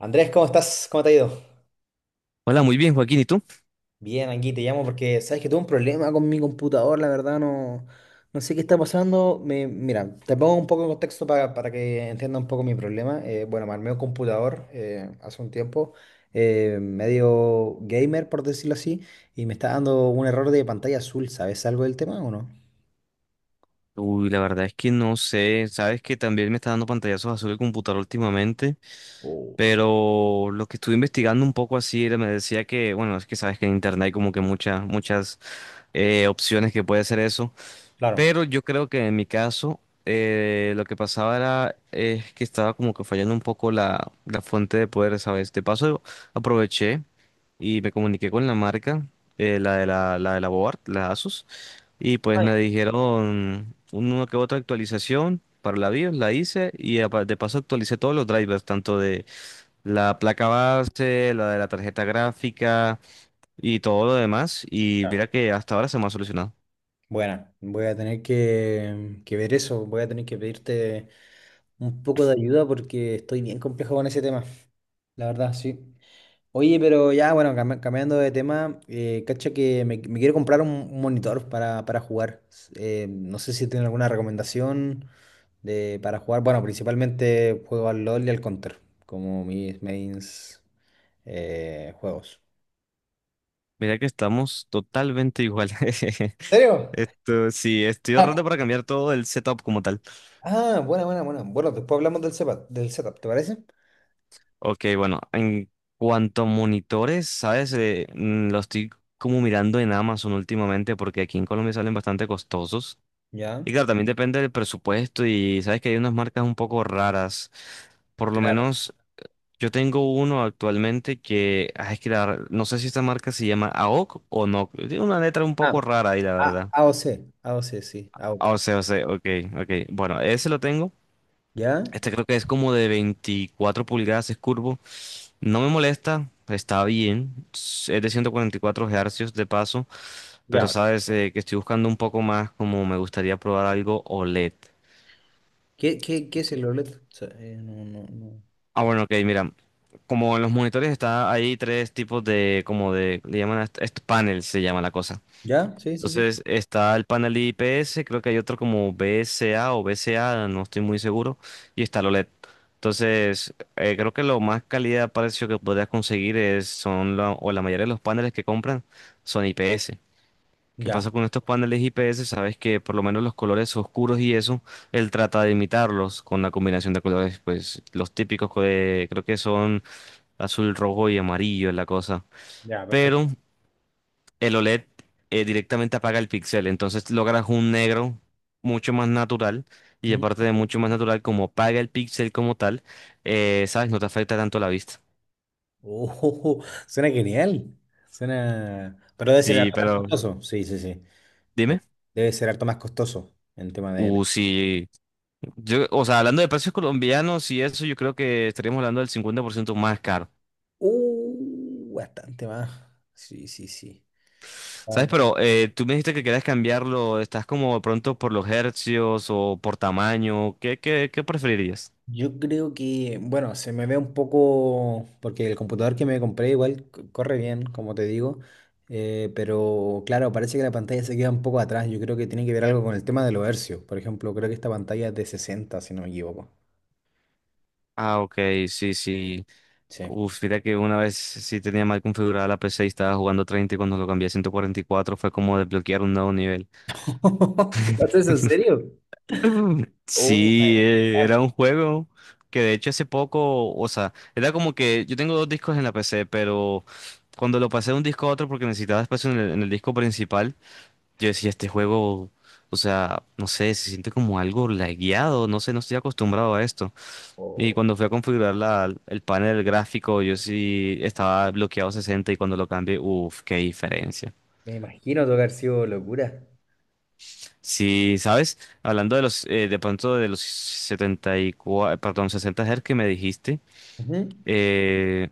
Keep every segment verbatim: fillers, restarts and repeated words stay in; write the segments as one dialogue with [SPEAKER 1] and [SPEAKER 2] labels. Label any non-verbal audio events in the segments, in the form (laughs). [SPEAKER 1] Andrés, ¿cómo estás? ¿Cómo te ha ido?
[SPEAKER 2] Hola, muy bien, Joaquín, ¿y tú?
[SPEAKER 1] Bien, aquí te llamo porque sabes que tuve un problema con mi computador, la verdad no, no sé qué está pasando. Me, mira, te pongo un poco en contexto para, para que entienda un poco mi problema. Eh, bueno, me armé un computador eh, hace un tiempo, eh, medio gamer, por decirlo así, y me está dando un error de pantalla azul. ¿Sabes algo del tema o no?
[SPEAKER 2] Uy, la verdad es que no sé, sabes que también me está dando pantallazos azul el computador últimamente,
[SPEAKER 1] Uf.
[SPEAKER 2] pero lo que estuve investigando un poco así era- me decía que, bueno, es que sabes que en internet hay como que muchas, muchas eh, opciones que puede ser eso,
[SPEAKER 1] Claro.
[SPEAKER 2] pero yo creo que en mi caso eh, lo que pasaba era eh, que estaba como que fallando un poco la, la fuente de poder, ¿sabes? De paso aproveché y me comuniqué con la marca, eh, la de la, la de la Board, la Asus. Y pues
[SPEAKER 1] Ah,
[SPEAKER 2] me
[SPEAKER 1] ya.
[SPEAKER 2] dijeron una que otra actualización para la BIOS, la hice y apa- de paso actualicé todos los drivers, tanto de la placa base, la de la tarjeta gráfica y todo lo demás. Y mira que hasta ahora se me ha solucionado.
[SPEAKER 1] Bueno, voy a tener que, que ver eso, voy a tener que pedirte un poco de ayuda porque estoy bien complejo con ese tema, la verdad, sí. Oye, pero ya, bueno, cami- cambiando de tema, eh, cacha que me, me quiero comprar un, un monitor para, para jugar. S- Eh, no sé si tienen alguna recomendación de, para jugar. Bueno, principalmente juego al LOL y al Counter, como mis mains eh, juegos.
[SPEAKER 2] Mira que estamos totalmente igual.
[SPEAKER 1] ¿En
[SPEAKER 2] (laughs)
[SPEAKER 1] serio?
[SPEAKER 2] Esto sí, estoy
[SPEAKER 1] Ah,
[SPEAKER 2] ahorrando para cambiar todo el setup como tal.
[SPEAKER 1] Ah, buena, buena, buena. Bueno, después hablamos del setup, del setup, ¿te parece?
[SPEAKER 2] Ok, bueno, en cuanto a monitores, ¿sabes? Eh, mm, lo estoy como mirando en Amazon últimamente porque aquí en Colombia salen bastante costosos.
[SPEAKER 1] Ya.
[SPEAKER 2] Y claro, también depende del presupuesto y sabes que hay unas marcas un poco raras. Por lo
[SPEAKER 1] Claro.
[SPEAKER 2] menos yo tengo uno actualmente que, ah, es que la no sé si esta marca se llama A O C o C o no. Tiene una letra un poco
[SPEAKER 1] Ah,
[SPEAKER 2] rara ahí, la
[SPEAKER 1] A-
[SPEAKER 2] verdad.
[SPEAKER 1] AOC, A O C, sí, A O C.
[SPEAKER 2] Ah, O sea, o sea, ok, ok. Bueno, ese lo tengo.
[SPEAKER 1] ¿Ya?
[SPEAKER 2] Este creo que es como de veinticuatro pulgadas, es curvo. No me molesta, está bien. Es de ciento cuarenta y cuatro hercios de paso, pero
[SPEAKER 1] Ya.
[SPEAKER 2] sabes eh, que estoy buscando un poco más, como me gustaría probar algo OLED.
[SPEAKER 1] ¿Qué, qué, qué es el O L E D? O sea, eh, no, no, no.
[SPEAKER 2] Ah, bueno, ok, mira. Como en los monitores está, hay tres tipos de, como de, le llaman, a est- est- panel se llama la cosa.
[SPEAKER 1] ¿Ya? Sí, sí, sí.
[SPEAKER 2] Entonces está el panel I P S, creo que hay otro como B S A o B C A, no estoy muy seguro, y está el OLED. Entonces, eh, creo que lo más calidad precio que podrías conseguir es, son la, o la mayoría de los paneles que compran son I P S. ¿Qué
[SPEAKER 1] Ya,
[SPEAKER 2] pasa con estos paneles I P S? Sabes que por lo menos los colores oscuros y eso, él trata de imitarlos con la combinación de colores, pues los típicos co- de- creo que son azul, rojo y amarillo es la cosa.
[SPEAKER 1] ya,
[SPEAKER 2] Pero
[SPEAKER 1] perfecto.
[SPEAKER 2] el OLED eh, directamente apaga el píxel, entonces logras un negro mucho más natural y
[SPEAKER 1] Mm.
[SPEAKER 2] aparte de mucho más natural, como apaga el píxel como tal, eh, sabes, no te afecta tanto la vista.
[SPEAKER 1] Oh, (laughs) suena genial. Suena. Pero debe ser
[SPEAKER 2] Sí,
[SPEAKER 1] harto más
[SPEAKER 2] pero
[SPEAKER 1] costoso. Sí, sí, sí. De-
[SPEAKER 2] dime.
[SPEAKER 1] debe ser harto más costoso en tema de. De-
[SPEAKER 2] Uh, sí. Yo, o sea, hablando de precios colombianos y eso, yo creo que estaríamos hablando del cincuenta por ciento más caro.
[SPEAKER 1] Uh, bastante más. Sí, sí, sí.
[SPEAKER 2] ¿Sabes? Pero eh, tú me dijiste que querías cambiarlo. ¿Estás como de pronto por los hercios o por tamaño? ¿Qué, qué, qué preferirías?
[SPEAKER 1] Yo creo que, bueno, se me ve un poco, porque el computador que me compré igual c- corre bien, como te digo, eh, pero claro, parece que la pantalla se queda un poco atrás. Yo creo que tiene que ver algo con el tema de los hercios. Por ejemplo, creo que esta pantalla es de sesenta, si no me equivoco.
[SPEAKER 2] Ah, ok, sí, sí.
[SPEAKER 1] Sí.
[SPEAKER 2] Uf, mira que una vez sí tenía mal configurada la P C y estaba jugando treinta y cuando lo cambié a ciento cuarenta y cuatro fue como desbloquear un nuevo nivel.
[SPEAKER 1] (laughs) ¿Te pasa eso en serio?
[SPEAKER 2] (laughs)
[SPEAKER 1] Oh my
[SPEAKER 2] Sí, eh, era un juego que de hecho hace poco, o sea, era como que yo tengo dos discos en la P C, pero cuando lo pasé de un disco a otro porque necesitaba espacio en el, en el disco principal, yo decía, este juego, o sea, no sé, se siente como algo lagueado, no sé, no estoy acostumbrado a esto. Y
[SPEAKER 1] God.
[SPEAKER 2] cuando fui a configurar la- el panel gráfico, yo sí estaba bloqueado sesenta y cuando lo cambié, uff, qué diferencia.
[SPEAKER 1] Me imagino tocar sido locura.
[SPEAKER 2] Sí, ¿sabes? Hablando de los, eh, de pronto de los setenta y cuatro, perdón, sesenta Hz que me dijiste,
[SPEAKER 1] Ujú.
[SPEAKER 2] eh,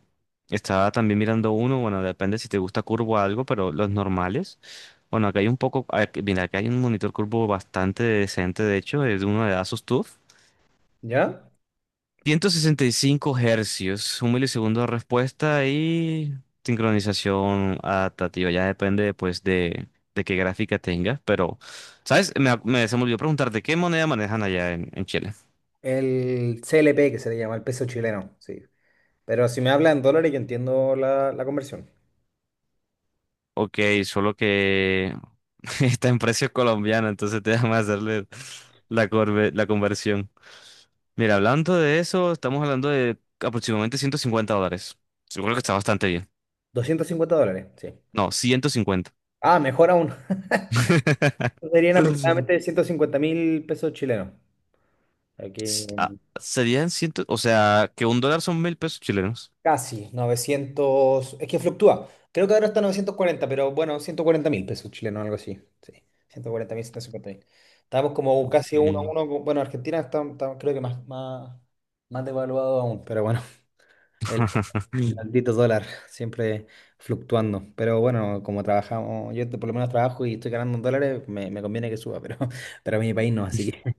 [SPEAKER 2] estaba también mirando uno, bueno, depende si te gusta curvo o algo, pero los normales, bueno, acá hay un poco, ac- mira, acá hay un monitor curvo bastante decente, de hecho, es de uno de Asus TUF,
[SPEAKER 1] ¿Ya?
[SPEAKER 2] ciento sesenta y cinco hercios, un milisegundo de respuesta y sincronización adaptativa. Ya depende, pues, de, de qué gráfica tengas. Pero, ¿sabes? Me, me, se me olvidó preguntarte, ¿qué moneda manejan allá en, en Chile?
[SPEAKER 1] El C L P que se le llama, el peso chileno, sí. Pero si me habla en dólares, yo entiendo la, la conversión.
[SPEAKER 2] Ok, solo que (laughs) está en precio colombiano, entonces te déjame hacerle la, corve- la conversión. Mira, hablando de eso, estamos hablando de aproximadamente ciento cincuenta dólares. Yo creo que está bastante bien.
[SPEAKER 1] doscientos cincuenta dólares, sí.
[SPEAKER 2] No, ciento cincuenta.
[SPEAKER 1] Ah, mejor aún. (laughs) Serían
[SPEAKER 2] (laughs)
[SPEAKER 1] aproximadamente ciento cincuenta mil pesos chilenos. Aquí
[SPEAKER 2] S- ah,
[SPEAKER 1] en-
[SPEAKER 2] Serían ciento, o sea, que un dólar son mil pesos chilenos.
[SPEAKER 1] casi novecientos. Es que fluctúa. Creo que ahora está novecientos cuarenta, pero bueno, ciento cuarenta mil pesos chilenos, algo así. Sí, ciento cuarenta mil, ciento cincuenta mil. Estamos como
[SPEAKER 2] Ok.
[SPEAKER 1] casi uno a uno. Con- Bueno, Argentina está, está- creo que más, más, más devaluado aún, pero bueno, (laughs) el,
[SPEAKER 2] (laughs)
[SPEAKER 1] el maldito dólar siempre fluctuando. Pero bueno, como trabajamos, yo por lo menos trabajo y estoy ganando en dólares, me, me conviene que suba, pero, (laughs) pero a mi país no, así que. (laughs)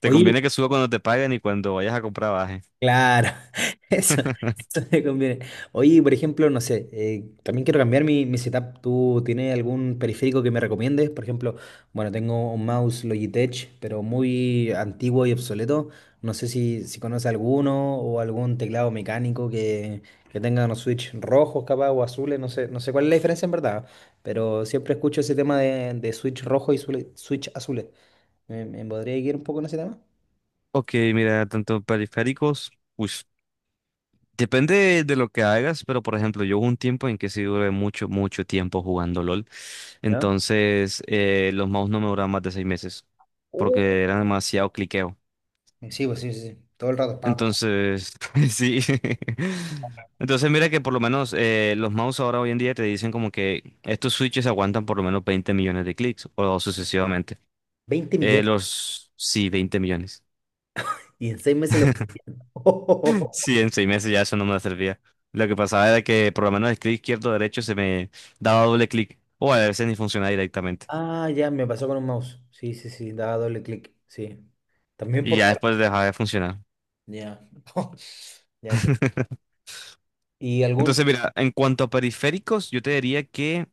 [SPEAKER 2] Te
[SPEAKER 1] Oye.
[SPEAKER 2] conviene que suba cuando te paguen y cuando vayas a comprar baje.
[SPEAKER 1] Claro. (laughs) eso,
[SPEAKER 2] (laughs)
[SPEAKER 1] Eso me conviene. Oye, por ejemplo, no sé, eh, también quiero cambiar mi, mi setup. ¿Tú tienes algún periférico que me recomiendes? Por ejemplo, bueno, tengo un mouse Logitech, pero muy antiguo y obsoleto. No sé si, si conoces alguno o algún teclado mecánico que, que tenga unos switch rojos capaz o azules. No sé, no sé cuál es la diferencia en verdad, pero siempre escucho ese tema de, de switch rojo y sule- switch azules. ¿Me, me podría guiar un poco en ese tema?
[SPEAKER 2] Ok, mira, tanto periféricos, pues depende de lo que hagas, pero por ejemplo, yo hubo un tiempo en que sí duré mucho, mucho tiempo jugando LOL.
[SPEAKER 1] ¿Ya?
[SPEAKER 2] Entonces, eh, los mouse no me duraban más de seis meses porque era demasiado cliqueo.
[SPEAKER 1] Eh, sí, pues sí, sí, sí, todo el rato. Pa, pa, pa.
[SPEAKER 2] Entonces, (laughs) sí. Entonces, mira que por lo menos eh, los mouse ahora hoy en día te dicen como que estos switches aguantan por lo menos veinte millones de clics o sucesivamente.
[SPEAKER 1] veinte
[SPEAKER 2] Eh,
[SPEAKER 1] millones
[SPEAKER 2] los, sí, veinte millones.
[SPEAKER 1] y en seis meses lo...
[SPEAKER 2] (laughs)
[SPEAKER 1] (laughs)
[SPEAKER 2] Sí, en seis meses ya eso no me servía. Lo que pasaba era que por lo menos el clic izquierdo o derecho se me daba doble clic o a veces ni funcionaba directamente.
[SPEAKER 1] Ah, ya, me pasó con un mouse. Sí, sí, sí, daba doble clic. Sí. También
[SPEAKER 2] Y
[SPEAKER 1] por...
[SPEAKER 2] ya después dejaba de funcionar.
[SPEAKER 1] Ya. (laughs) Ya, ento-
[SPEAKER 2] (laughs)
[SPEAKER 1] ¿y algún?
[SPEAKER 2] Entonces, mira, en cuanto a periféricos, yo te diría que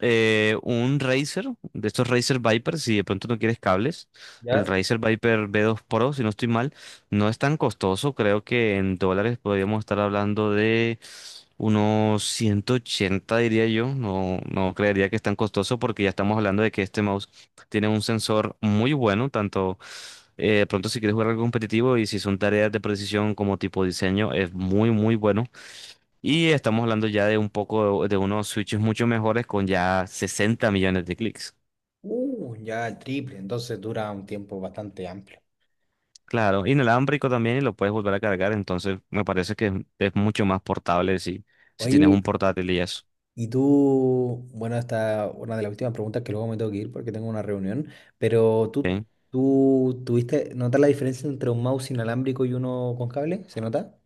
[SPEAKER 2] eh, un Razer, de estos Razer Viper, si de pronto no quieres cables, el
[SPEAKER 1] Ya.
[SPEAKER 2] Razer Viper V dos Pro, si no estoy mal, no es tan costoso, creo que en dólares podríamos estar hablando de unos ciento ochenta, diría yo, no, no creería que es tan costoso porque ya estamos hablando de que este mouse tiene un sensor muy bueno, tanto... eh, de pronto si quieres jugar algo competitivo y si son tareas de precisión como tipo diseño, es muy muy bueno. Y estamos hablando ya de un poco de, de unos switches mucho mejores con ya sesenta millones de clics.
[SPEAKER 1] Uh, ya el triple, entonces dura un tiempo bastante amplio.
[SPEAKER 2] Claro, inalámbrico también y lo puedes volver a cargar, entonces me parece que es, es mucho más portable si, si tienes
[SPEAKER 1] Oye,
[SPEAKER 2] un portátil y eso.
[SPEAKER 1] y tú, bueno, esta una de las últimas preguntas que luego me tengo que ir porque tengo una reunión, pero tú,
[SPEAKER 2] ¿Ok?
[SPEAKER 1] tú tuviste, ¿notas la diferencia entre un mouse inalámbrico y uno con cable? ¿Se nota?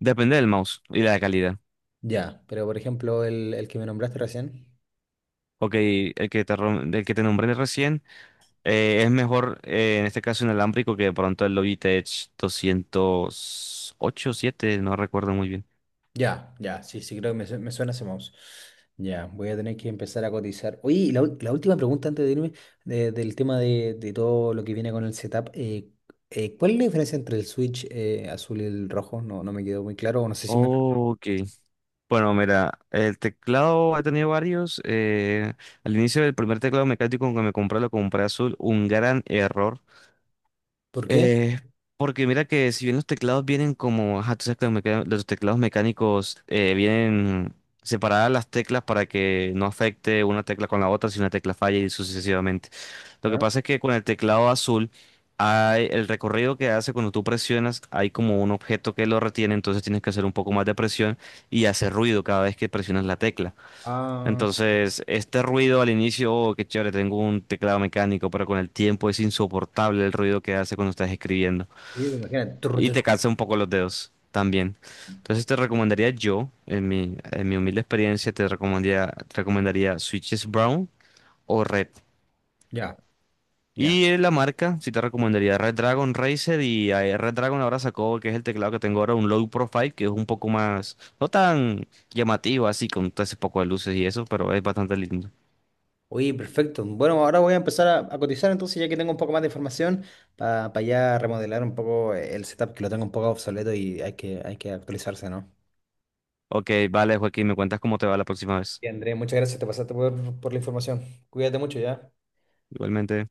[SPEAKER 2] Depende del mouse y la calidad.
[SPEAKER 1] Ya, pero por ejemplo, el, el que me nombraste recién.
[SPEAKER 2] Ok, el que te, rom- el que te nombré recién eh, es mejor eh, en este caso inalámbrico que de pronto el Logitech doscientos ocho siete, no recuerdo muy bien.
[SPEAKER 1] Ya, ya, sí, sí, creo que me, su- me suena ese mouse. Ya, voy a tener que empezar a cotizar. Oye, y la, ul- la última pregunta antes de irme de- del tema de, de todo lo que viene con el setup. eh, eh, ¿cuál es la diferencia entre el switch eh, azul y el rojo? No, no me quedó muy claro, o no sé si me...
[SPEAKER 2] Ok. Bueno, mira, el teclado he tenido varios. Eh, al inicio del primer teclado mecánico que me compré, lo compré azul. Un gran error.
[SPEAKER 1] ¿Por qué?
[SPEAKER 2] Eh, Porque mira que si bien los teclados vienen como, ajá, tú sabes que los, meca- los teclados mecánicos eh, vienen separadas las teclas para que no afecte una tecla con la otra si una tecla falla y sucesivamente. Lo que
[SPEAKER 1] Claro.
[SPEAKER 2] pasa es que con el teclado azul, hay, el recorrido que hace cuando tú presionas, hay como un objeto que lo retiene, entonces tienes que hacer un poco más de presión y hace ruido cada vez que presionas la tecla.
[SPEAKER 1] Ah,
[SPEAKER 2] Entonces, este ruido al inicio, oh, qué chévere, tengo un teclado mecánico, pero con el tiempo es insoportable el ruido que hace cuando estás escribiendo.
[SPEAKER 1] sí, imagínate. Turr,
[SPEAKER 2] Y
[SPEAKER 1] turr.
[SPEAKER 2] te cansa un poco los dedos también. Entonces, te recomendaría yo, en mi, en mi humilde experiencia, te recomendaría, te recomendaría Switches Brown o Red.
[SPEAKER 1] Ya, ya.
[SPEAKER 2] Y eh, la marca, sí te recomendaría Red Dragon Razer y eh, Red Dragon ahora sacó, que es el teclado que tengo ahora, un low profile, que es un poco más, no tan llamativo así, con todo ese poco de luces y eso, pero es bastante lindo.
[SPEAKER 1] Oye, perfecto. Bueno, ahora voy a empezar a, a cotizar entonces, ya que tengo un poco más de información, para ya remodelar un poco eh, el setup, que lo tengo un poco obsoleto y hay que, hay que actualizarse, ¿no?
[SPEAKER 2] Ok, vale, Joaquín, me cuentas cómo te va la próxima vez.
[SPEAKER 1] Y André, muchas gracias, te pasaste por, por la información. Cuídate mucho, ¿ya?
[SPEAKER 2] Igualmente.